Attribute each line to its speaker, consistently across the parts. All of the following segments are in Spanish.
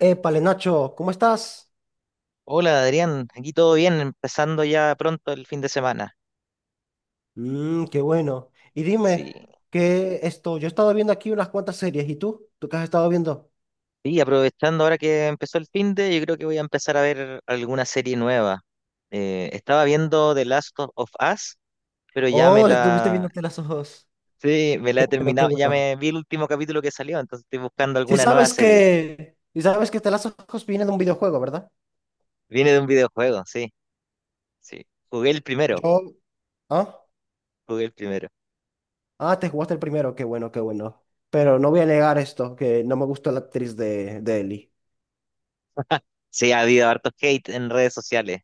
Speaker 1: Épale, Nacho, ¿cómo estás?
Speaker 2: Hola Adrián, aquí todo bien, empezando ya pronto el fin de semana.
Speaker 1: Mmm, qué bueno. Y dime,
Speaker 2: Sí,
Speaker 1: ¿qué esto? Yo he estado viendo aquí unas cuantas series, ¿y tú? ¿Tú qué has estado viendo?
Speaker 2: y aprovechando ahora que empezó el fin de, yo creo que voy a empezar a ver alguna serie nueva. Estaba viendo The Last of Us, pero ya me
Speaker 1: Oh, estuviste
Speaker 2: la,
Speaker 1: viéndote las ojos.
Speaker 2: sí, me la he
Speaker 1: Bueno, qué
Speaker 2: terminado, ya
Speaker 1: bueno.
Speaker 2: me vi el último capítulo que salió, entonces estoy buscando
Speaker 1: Si
Speaker 2: alguna nueva
Speaker 1: sabes
Speaker 2: serie.
Speaker 1: que, si sabes que te las ojos viene de un videojuego, ¿verdad?
Speaker 2: Viene de un videojuego, sí, sí. Jugué el primero,
Speaker 1: Yo, ¿ah?
Speaker 2: jugué el primero.
Speaker 1: Ah, te jugaste el primero, qué bueno, qué bueno. Pero no voy a negar esto, que no me gustó la actriz de Ellie.
Speaker 2: Sí, ha habido harto hate en redes sociales.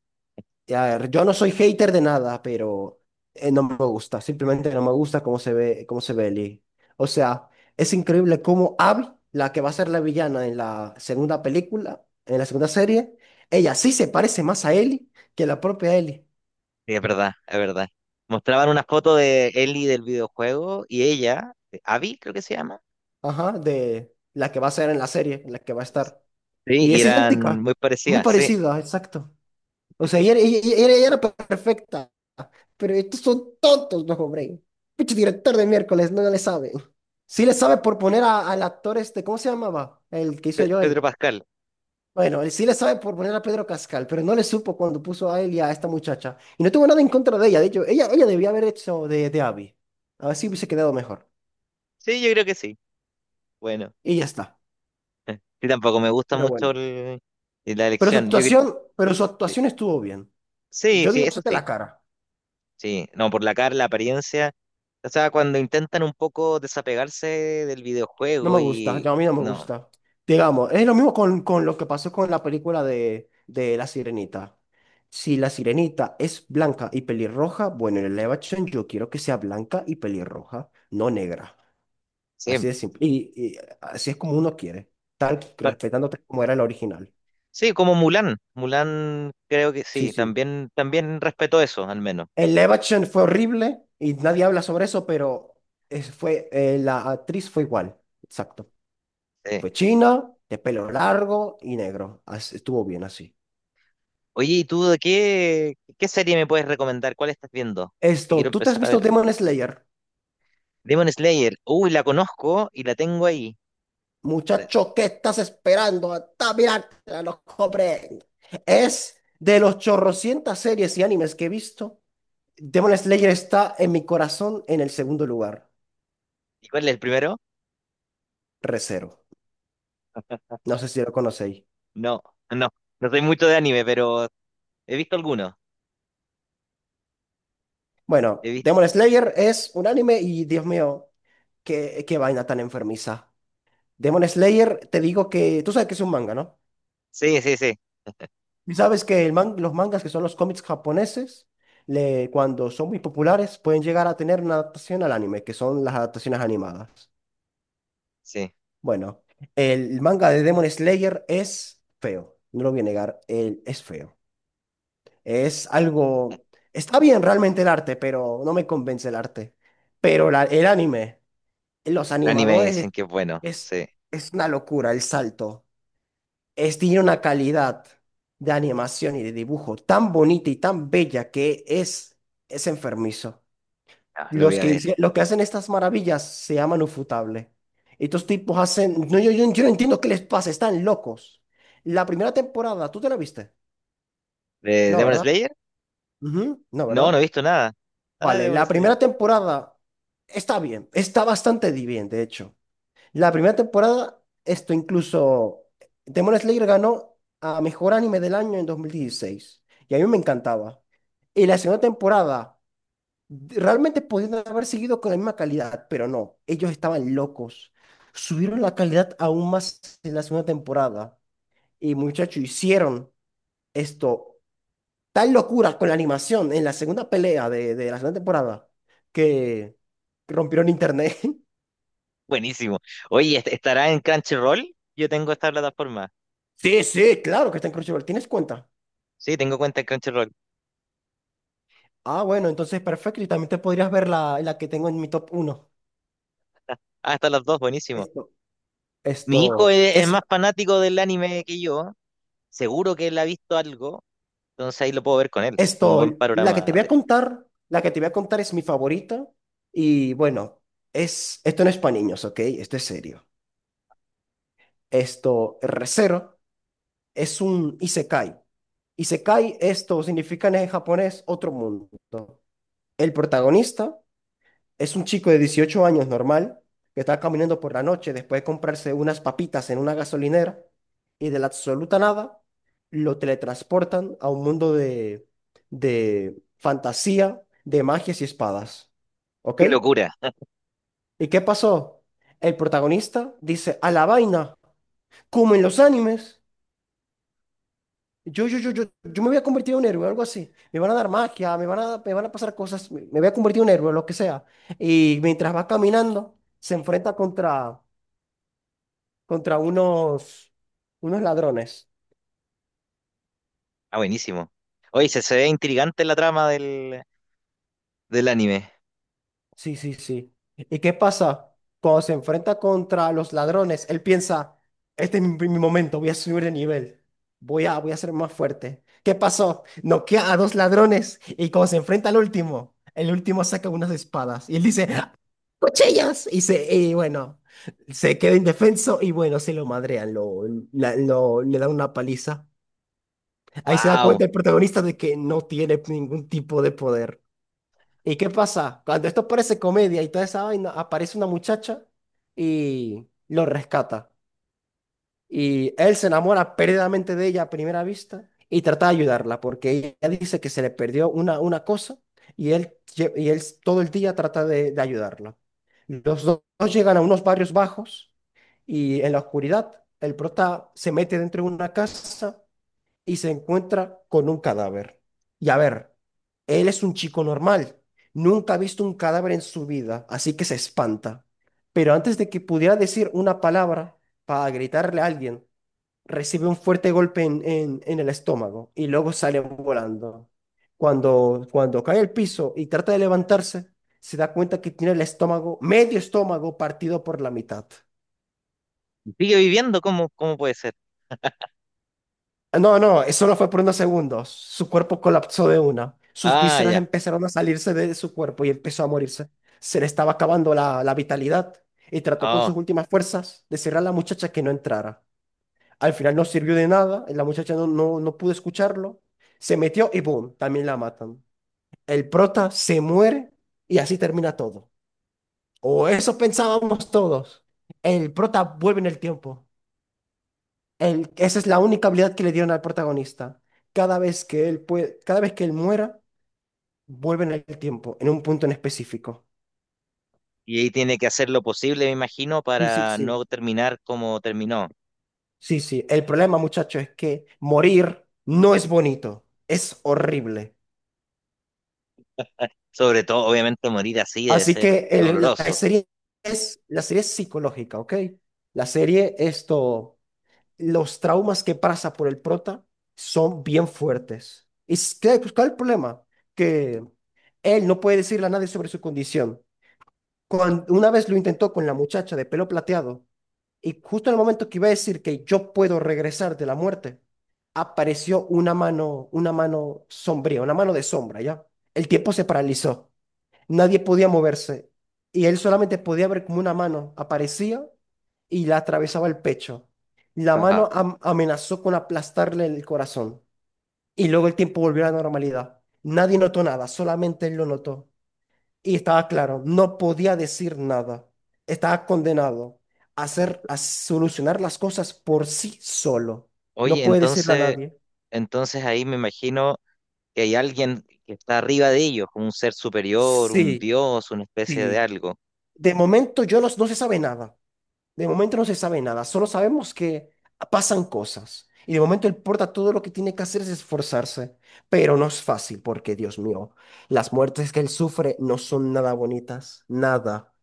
Speaker 1: A ver, yo no soy hater de nada, pero no me gusta. Simplemente no me gusta cómo se ve Ellie. O sea, es increíble cómo Abby, la que va a ser la villana en la segunda película, en la segunda serie, ella sí se parece más a Ellie que la propia Ellie.
Speaker 2: Sí, es verdad, es verdad. Mostraban una foto de Ellie del videojuego y ella, Abby creo que se llama.
Speaker 1: Ajá, de la que va a ser en la serie, en la que va a estar.
Speaker 2: Sí,
Speaker 1: Y
Speaker 2: y
Speaker 1: es
Speaker 2: eran
Speaker 1: idéntica,
Speaker 2: muy
Speaker 1: muy
Speaker 2: parecidas, sí.
Speaker 1: parecida, exacto. O sea, ella era perfecta, pero estos son tontos los hombres. Pinche director de miércoles, no, no le sabe. Sí le sabe por poner al actor este, ¿cómo se llamaba? El que hizo a Joel.
Speaker 2: Pedro Pascal.
Speaker 1: Bueno, él sí le sabe por poner a Pedro Cascal, pero no le supo cuando puso a él y a esta muchacha. Y no tuvo nada en contra de ella, de hecho, ella debía haber hecho de Abby. A ver si hubiese quedado mejor.
Speaker 2: Sí, yo creo que sí. Bueno,
Speaker 1: Y ya está.
Speaker 2: sí, tampoco me gusta
Speaker 1: Pero
Speaker 2: mucho
Speaker 1: bueno.
Speaker 2: la
Speaker 1: Pero su
Speaker 2: elección.
Speaker 1: actuación, pero su
Speaker 2: Eh,
Speaker 1: actuación estuvo bien.
Speaker 2: sí,
Speaker 1: Yo
Speaker 2: sí,
Speaker 1: digo,
Speaker 2: eso
Speaker 1: es de
Speaker 2: sí.
Speaker 1: la cara.
Speaker 2: Sí, no, por la cara, la apariencia. O sea, cuando intentan un poco desapegarse del
Speaker 1: No
Speaker 2: videojuego
Speaker 1: me gusta,
Speaker 2: y...
Speaker 1: yo a mí no me
Speaker 2: No,
Speaker 1: gusta. Digamos, es lo mismo con lo que pasó con la película de La Sirenita. Si La Sirenita es blanca y pelirroja, bueno, en el live action yo quiero que sea blanca y pelirroja, no negra. Así
Speaker 2: sí.
Speaker 1: de simple. Y así es como uno quiere, tan
Speaker 2: pa-
Speaker 1: respetándote como era el original.
Speaker 2: Sí, como Mulan. Mulan creo que
Speaker 1: Sí,
Speaker 2: sí,
Speaker 1: sí.
Speaker 2: también, también respetó eso, al menos.
Speaker 1: El live action fue horrible y nadie habla sobre eso, pero fue, la actriz fue igual. Exacto.
Speaker 2: Sí.
Speaker 1: Fue china, de pelo largo y negro. Estuvo bien así.
Speaker 2: Oye, ¿y tú de qué, qué serie me puedes recomendar? ¿Cuál estás viendo? Que quiero
Speaker 1: Esto, ¿tú te has
Speaker 2: empezar a
Speaker 1: visto
Speaker 2: ver.
Speaker 1: Demon Slayer?
Speaker 2: Demon Slayer. Uy, la conozco y la tengo ahí.
Speaker 1: Muchacho, ¿qué estás esperando? Hasta mirar, a los cobren. Es de los chorrocientas series y animes que he visto. Demon Slayer está en mi corazón en el segundo lugar.
Speaker 2: ¿Y cuál es el primero?
Speaker 1: Recero. No sé si lo conocéis.
Speaker 2: No, no. No soy mucho de anime, pero he visto algunos.
Speaker 1: Bueno,
Speaker 2: He visto...
Speaker 1: Demon Slayer es un anime y Dios mío, qué vaina tan enfermiza. Demon Slayer, te digo que tú sabes que es un manga, ¿no?
Speaker 2: Sí, sí, sí.
Speaker 1: Y sabes que los mangas, que son los cómics japoneses, le, cuando son muy populares, pueden llegar a tener una adaptación al anime, que son las adaptaciones animadas.
Speaker 2: Sí.
Speaker 1: Bueno, el manga de Demon Slayer es feo, no lo voy a negar, él es feo. Es algo… Está bien realmente el arte, pero no me convence el arte. Pero el anime, los
Speaker 2: El anime
Speaker 1: animadores,
Speaker 2: dicen que es bueno.
Speaker 1: es,
Speaker 2: Sí.
Speaker 1: es una locura el salto. Es, tiene una calidad de animación y de dibujo tan bonita y tan bella que es enfermizo.
Speaker 2: Ah, lo voy
Speaker 1: Los
Speaker 2: a
Speaker 1: que,
Speaker 2: ver.
Speaker 1: los que hacen estas maravillas se llaman Ufotable. Estos tipos hacen… No, yo no entiendo qué les pasa, están locos. La primera temporada, ¿tú te la viste?
Speaker 2: ¿De
Speaker 1: No,
Speaker 2: Demon
Speaker 1: ¿verdad?
Speaker 2: Slayer?
Speaker 1: Ujú, no,
Speaker 2: No, no
Speaker 1: ¿verdad?
Speaker 2: he visto nada. Ah,
Speaker 1: Vale,
Speaker 2: Demon
Speaker 1: la
Speaker 2: Slayer.
Speaker 1: primera temporada está bien, está bastante bien, de hecho. La primera temporada, esto incluso, Demon Slayer ganó a Mejor Anime del Año en 2016 y a mí me encantaba. Y la segunda temporada, realmente podían haber seguido con la misma calidad, pero no, ellos estaban locos. Subieron la calidad aún más en la segunda temporada y muchachos hicieron esto, tal locura con la animación en la segunda pelea de la segunda temporada que rompieron internet.
Speaker 2: Buenísimo. Oye, ¿estará en Crunchyroll? Yo tengo esta plataforma.
Speaker 1: Sí, sí, claro que está en Crunchyroll, ¿tienes cuenta?
Speaker 2: Sí, tengo cuenta en Crunchyroll.
Speaker 1: Ah, bueno, entonces perfecto. Y también te podrías ver la que tengo en mi top uno.
Speaker 2: Ah, están las dos, buenísimo.
Speaker 1: Esto,
Speaker 2: Mi hijo
Speaker 1: esto,
Speaker 2: es
Speaker 1: es,
Speaker 2: más fanático del anime que yo, seguro que él ha visto algo, entonces ahí lo puedo ver con él, como un
Speaker 1: esto,
Speaker 2: buen
Speaker 1: la que te
Speaker 2: panorama
Speaker 1: voy
Speaker 2: de...
Speaker 1: a contar, la que te voy a contar es mi favorita. Y bueno, es, esto no es para niños, ¿ok? Esto es serio. Esto, Re:Zero, es un isekai. Isekai, esto significa en japonés otro mundo. El protagonista es un chico de 18 años normal que está caminando por la noche después de comprarse unas papitas en una gasolinera y de la absoluta nada lo teletransportan a un mundo de fantasía, de magias y espadas. ¿Ok?
Speaker 2: ¡Qué locura!
Speaker 1: ¿Y qué pasó? El protagonista dice, a la vaina, como en los animes. Yo me voy a convertir en un héroe, algo así. Me van a dar magia, me van a pasar cosas, me voy a convertir en un héroe, lo que sea. Y mientras va caminando, se enfrenta contra unos, unos ladrones.
Speaker 2: Ah, buenísimo. Oye, se ve intrigante la trama del, del anime.
Speaker 1: Sí, sí, sí. ¿Y qué pasa? Cuando se enfrenta contra los ladrones, él piensa, este es mi momento, voy a subir de nivel, voy a ser más fuerte. ¿Qué pasó? Noquea a dos ladrones y cuando se enfrenta al último, el último saca unas espadas y él dice, "¡Ah! ¡Cuchillas!" Y, se, y bueno, se queda indefenso y bueno, se lo madrean, lo, le dan una paliza. Ahí se da cuenta
Speaker 2: ¡Wow!
Speaker 1: el protagonista de que no tiene ningún tipo de poder. ¿Y qué pasa? Cuando esto parece comedia y toda esa vaina, aparece una muchacha y lo rescata. Y él se enamora perdidamente de ella a primera vista y trata de ayudarla porque ella dice que se le perdió una cosa y él, y él todo el día trata de ayudarla. Dos llegan a unos barrios bajos y en la oscuridad el prota se mete dentro de una casa y se encuentra con un cadáver. Y a ver, él es un chico normal, nunca ha visto un cadáver en su vida, así que se espanta. Pero antes de que pudiera decir una palabra para gritarle a alguien, recibe un fuerte golpe en el estómago y luego sale volando. Cuando cae al piso y trata de levantarse, se da cuenta que tiene el estómago, medio estómago partido por la mitad.
Speaker 2: ¿Sigue viviendo? ¿Cómo, cómo puede ser?
Speaker 1: No, no, eso no fue por unos segundos. Su cuerpo colapsó de una. Sus
Speaker 2: Ah,
Speaker 1: vísceras
Speaker 2: ya.
Speaker 1: empezaron a salirse de su cuerpo y empezó a morirse. Se le estaba acabando la vitalidad y trató con
Speaker 2: Oh,
Speaker 1: sus últimas fuerzas de decirle a la muchacha que no entrara. Al final no sirvió de nada, la muchacha no pudo escucharlo. Se metió y boom, también la matan. El prota se muere y así termina todo. O eso pensábamos todos. El prota vuelve en el tiempo, esa es la única habilidad que le dieron al protagonista. Cada vez que él puede, cada vez que él muera, vuelve en el tiempo, en un punto en específico.
Speaker 2: y ahí tiene que hacer lo posible, me imagino,
Speaker 1: Sí, sí,
Speaker 2: para
Speaker 1: sí.
Speaker 2: no terminar como terminó.
Speaker 1: Sí, sí. El problema, muchacho, es que morir no es bonito, es horrible.
Speaker 2: Sobre todo, obviamente, morir así debe
Speaker 1: Así
Speaker 2: ser
Speaker 1: que
Speaker 2: doloroso.
Speaker 1: la serie es psicológica, ¿ok? La serie, esto, los traumas que pasa por el prota son bien fuertes. ¿Y pues, cuál es el problema? Que él no puede decirle a nadie sobre su condición. Cuando una vez lo intentó con la muchacha de pelo plateado, y justo en el momento que iba a decir que yo puedo regresar de la muerte, apareció una mano sombría, una mano de sombra, ¿ya? El tiempo se paralizó, nadie podía moverse, y él solamente podía ver como una mano aparecía y la atravesaba el pecho. La mano
Speaker 2: Ajá.
Speaker 1: amenazó con aplastarle el corazón, y luego el tiempo volvió a la normalidad. Nadie notó nada, solamente él lo notó. Y estaba claro, no podía decir nada. Estaba condenado a hacer,
Speaker 2: Ent-
Speaker 1: a solucionar las cosas por sí solo. No
Speaker 2: Oye,
Speaker 1: puede decirle a
Speaker 2: entonces,
Speaker 1: nadie.
Speaker 2: entonces ahí me imagino que hay alguien que está arriba de ellos, como un ser superior, un
Speaker 1: Sí,
Speaker 2: dios, una especie de
Speaker 1: sí.
Speaker 2: algo.
Speaker 1: De momento yo no, no se sabe nada. De momento no se sabe nada. Solo sabemos que pasan cosas. Y de momento él porta todo lo que tiene que hacer es esforzarse. Pero no es fácil porque, Dios mío, las muertes que él sufre no son nada bonitas. Nada.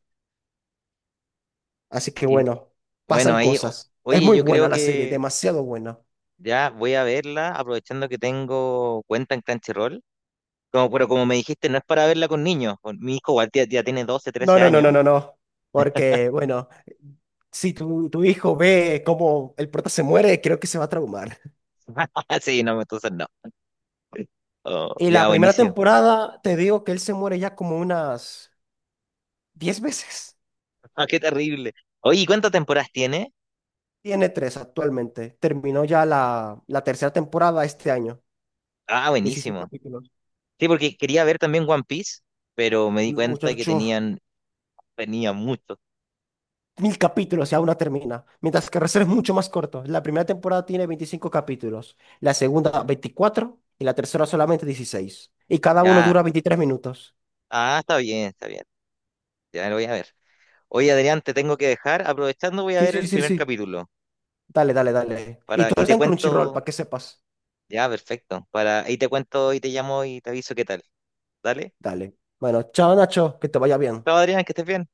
Speaker 1: Así que
Speaker 2: Y
Speaker 1: bueno,
Speaker 2: bueno,
Speaker 1: pasan cosas. Es
Speaker 2: oye,
Speaker 1: muy
Speaker 2: yo
Speaker 1: buena
Speaker 2: creo
Speaker 1: la serie,
Speaker 2: que
Speaker 1: demasiado buena.
Speaker 2: ya voy a verla, aprovechando que tengo cuenta en Crunchyroll. Como, pero como me dijiste, no es para verla con niños. Mi hijo igual ya, ya tiene doce
Speaker 1: No,
Speaker 2: trece
Speaker 1: no, no,
Speaker 2: años.
Speaker 1: no, no, no. Porque, bueno, si tu hijo ve cómo el prota se muere, creo que se va a traumar.
Speaker 2: Sí, no, entonces no. Oh,
Speaker 1: Y la
Speaker 2: ya,
Speaker 1: primera
Speaker 2: buenísimo.
Speaker 1: temporada, te digo que él se muere ya como unas 10 veces.
Speaker 2: Ah, qué terrible. Oye, ¿y ¿cuántas temporadas tiene?
Speaker 1: Tiene tres actualmente. Terminó ya la tercera temporada este año.
Speaker 2: Ah,
Speaker 1: 16
Speaker 2: buenísimo.
Speaker 1: capítulos.
Speaker 2: Sí, porque quería ver también One Piece, pero me di cuenta que
Speaker 1: Muchacho,
Speaker 2: tenían, tenía mucho.
Speaker 1: 1.000 capítulos y aún no termina. Mientras que Reserva es mucho más corto. La primera temporada tiene 25 capítulos. La segunda, 24. Y la tercera solamente 16. Y cada uno
Speaker 2: Ya.
Speaker 1: dura 23 minutos.
Speaker 2: Ah, está bien, está bien. Ya lo voy a ver. Oye, Adrián, te tengo que dejar. Aprovechando, voy a
Speaker 1: Sí,
Speaker 2: ver
Speaker 1: sí,
Speaker 2: el
Speaker 1: sí,
Speaker 2: primer
Speaker 1: sí.
Speaker 2: capítulo.
Speaker 1: Dale, dale, dale. Y
Speaker 2: Para,
Speaker 1: todo
Speaker 2: y
Speaker 1: está
Speaker 2: te
Speaker 1: en Crunchyroll,
Speaker 2: cuento.
Speaker 1: para que sepas.
Speaker 2: Ya, perfecto. Para, ahí te cuento y te llamo y te aviso qué tal. Dale.
Speaker 1: Dale. Bueno, chao Nacho, que te vaya bien.
Speaker 2: Chao, Adrián, que estés bien.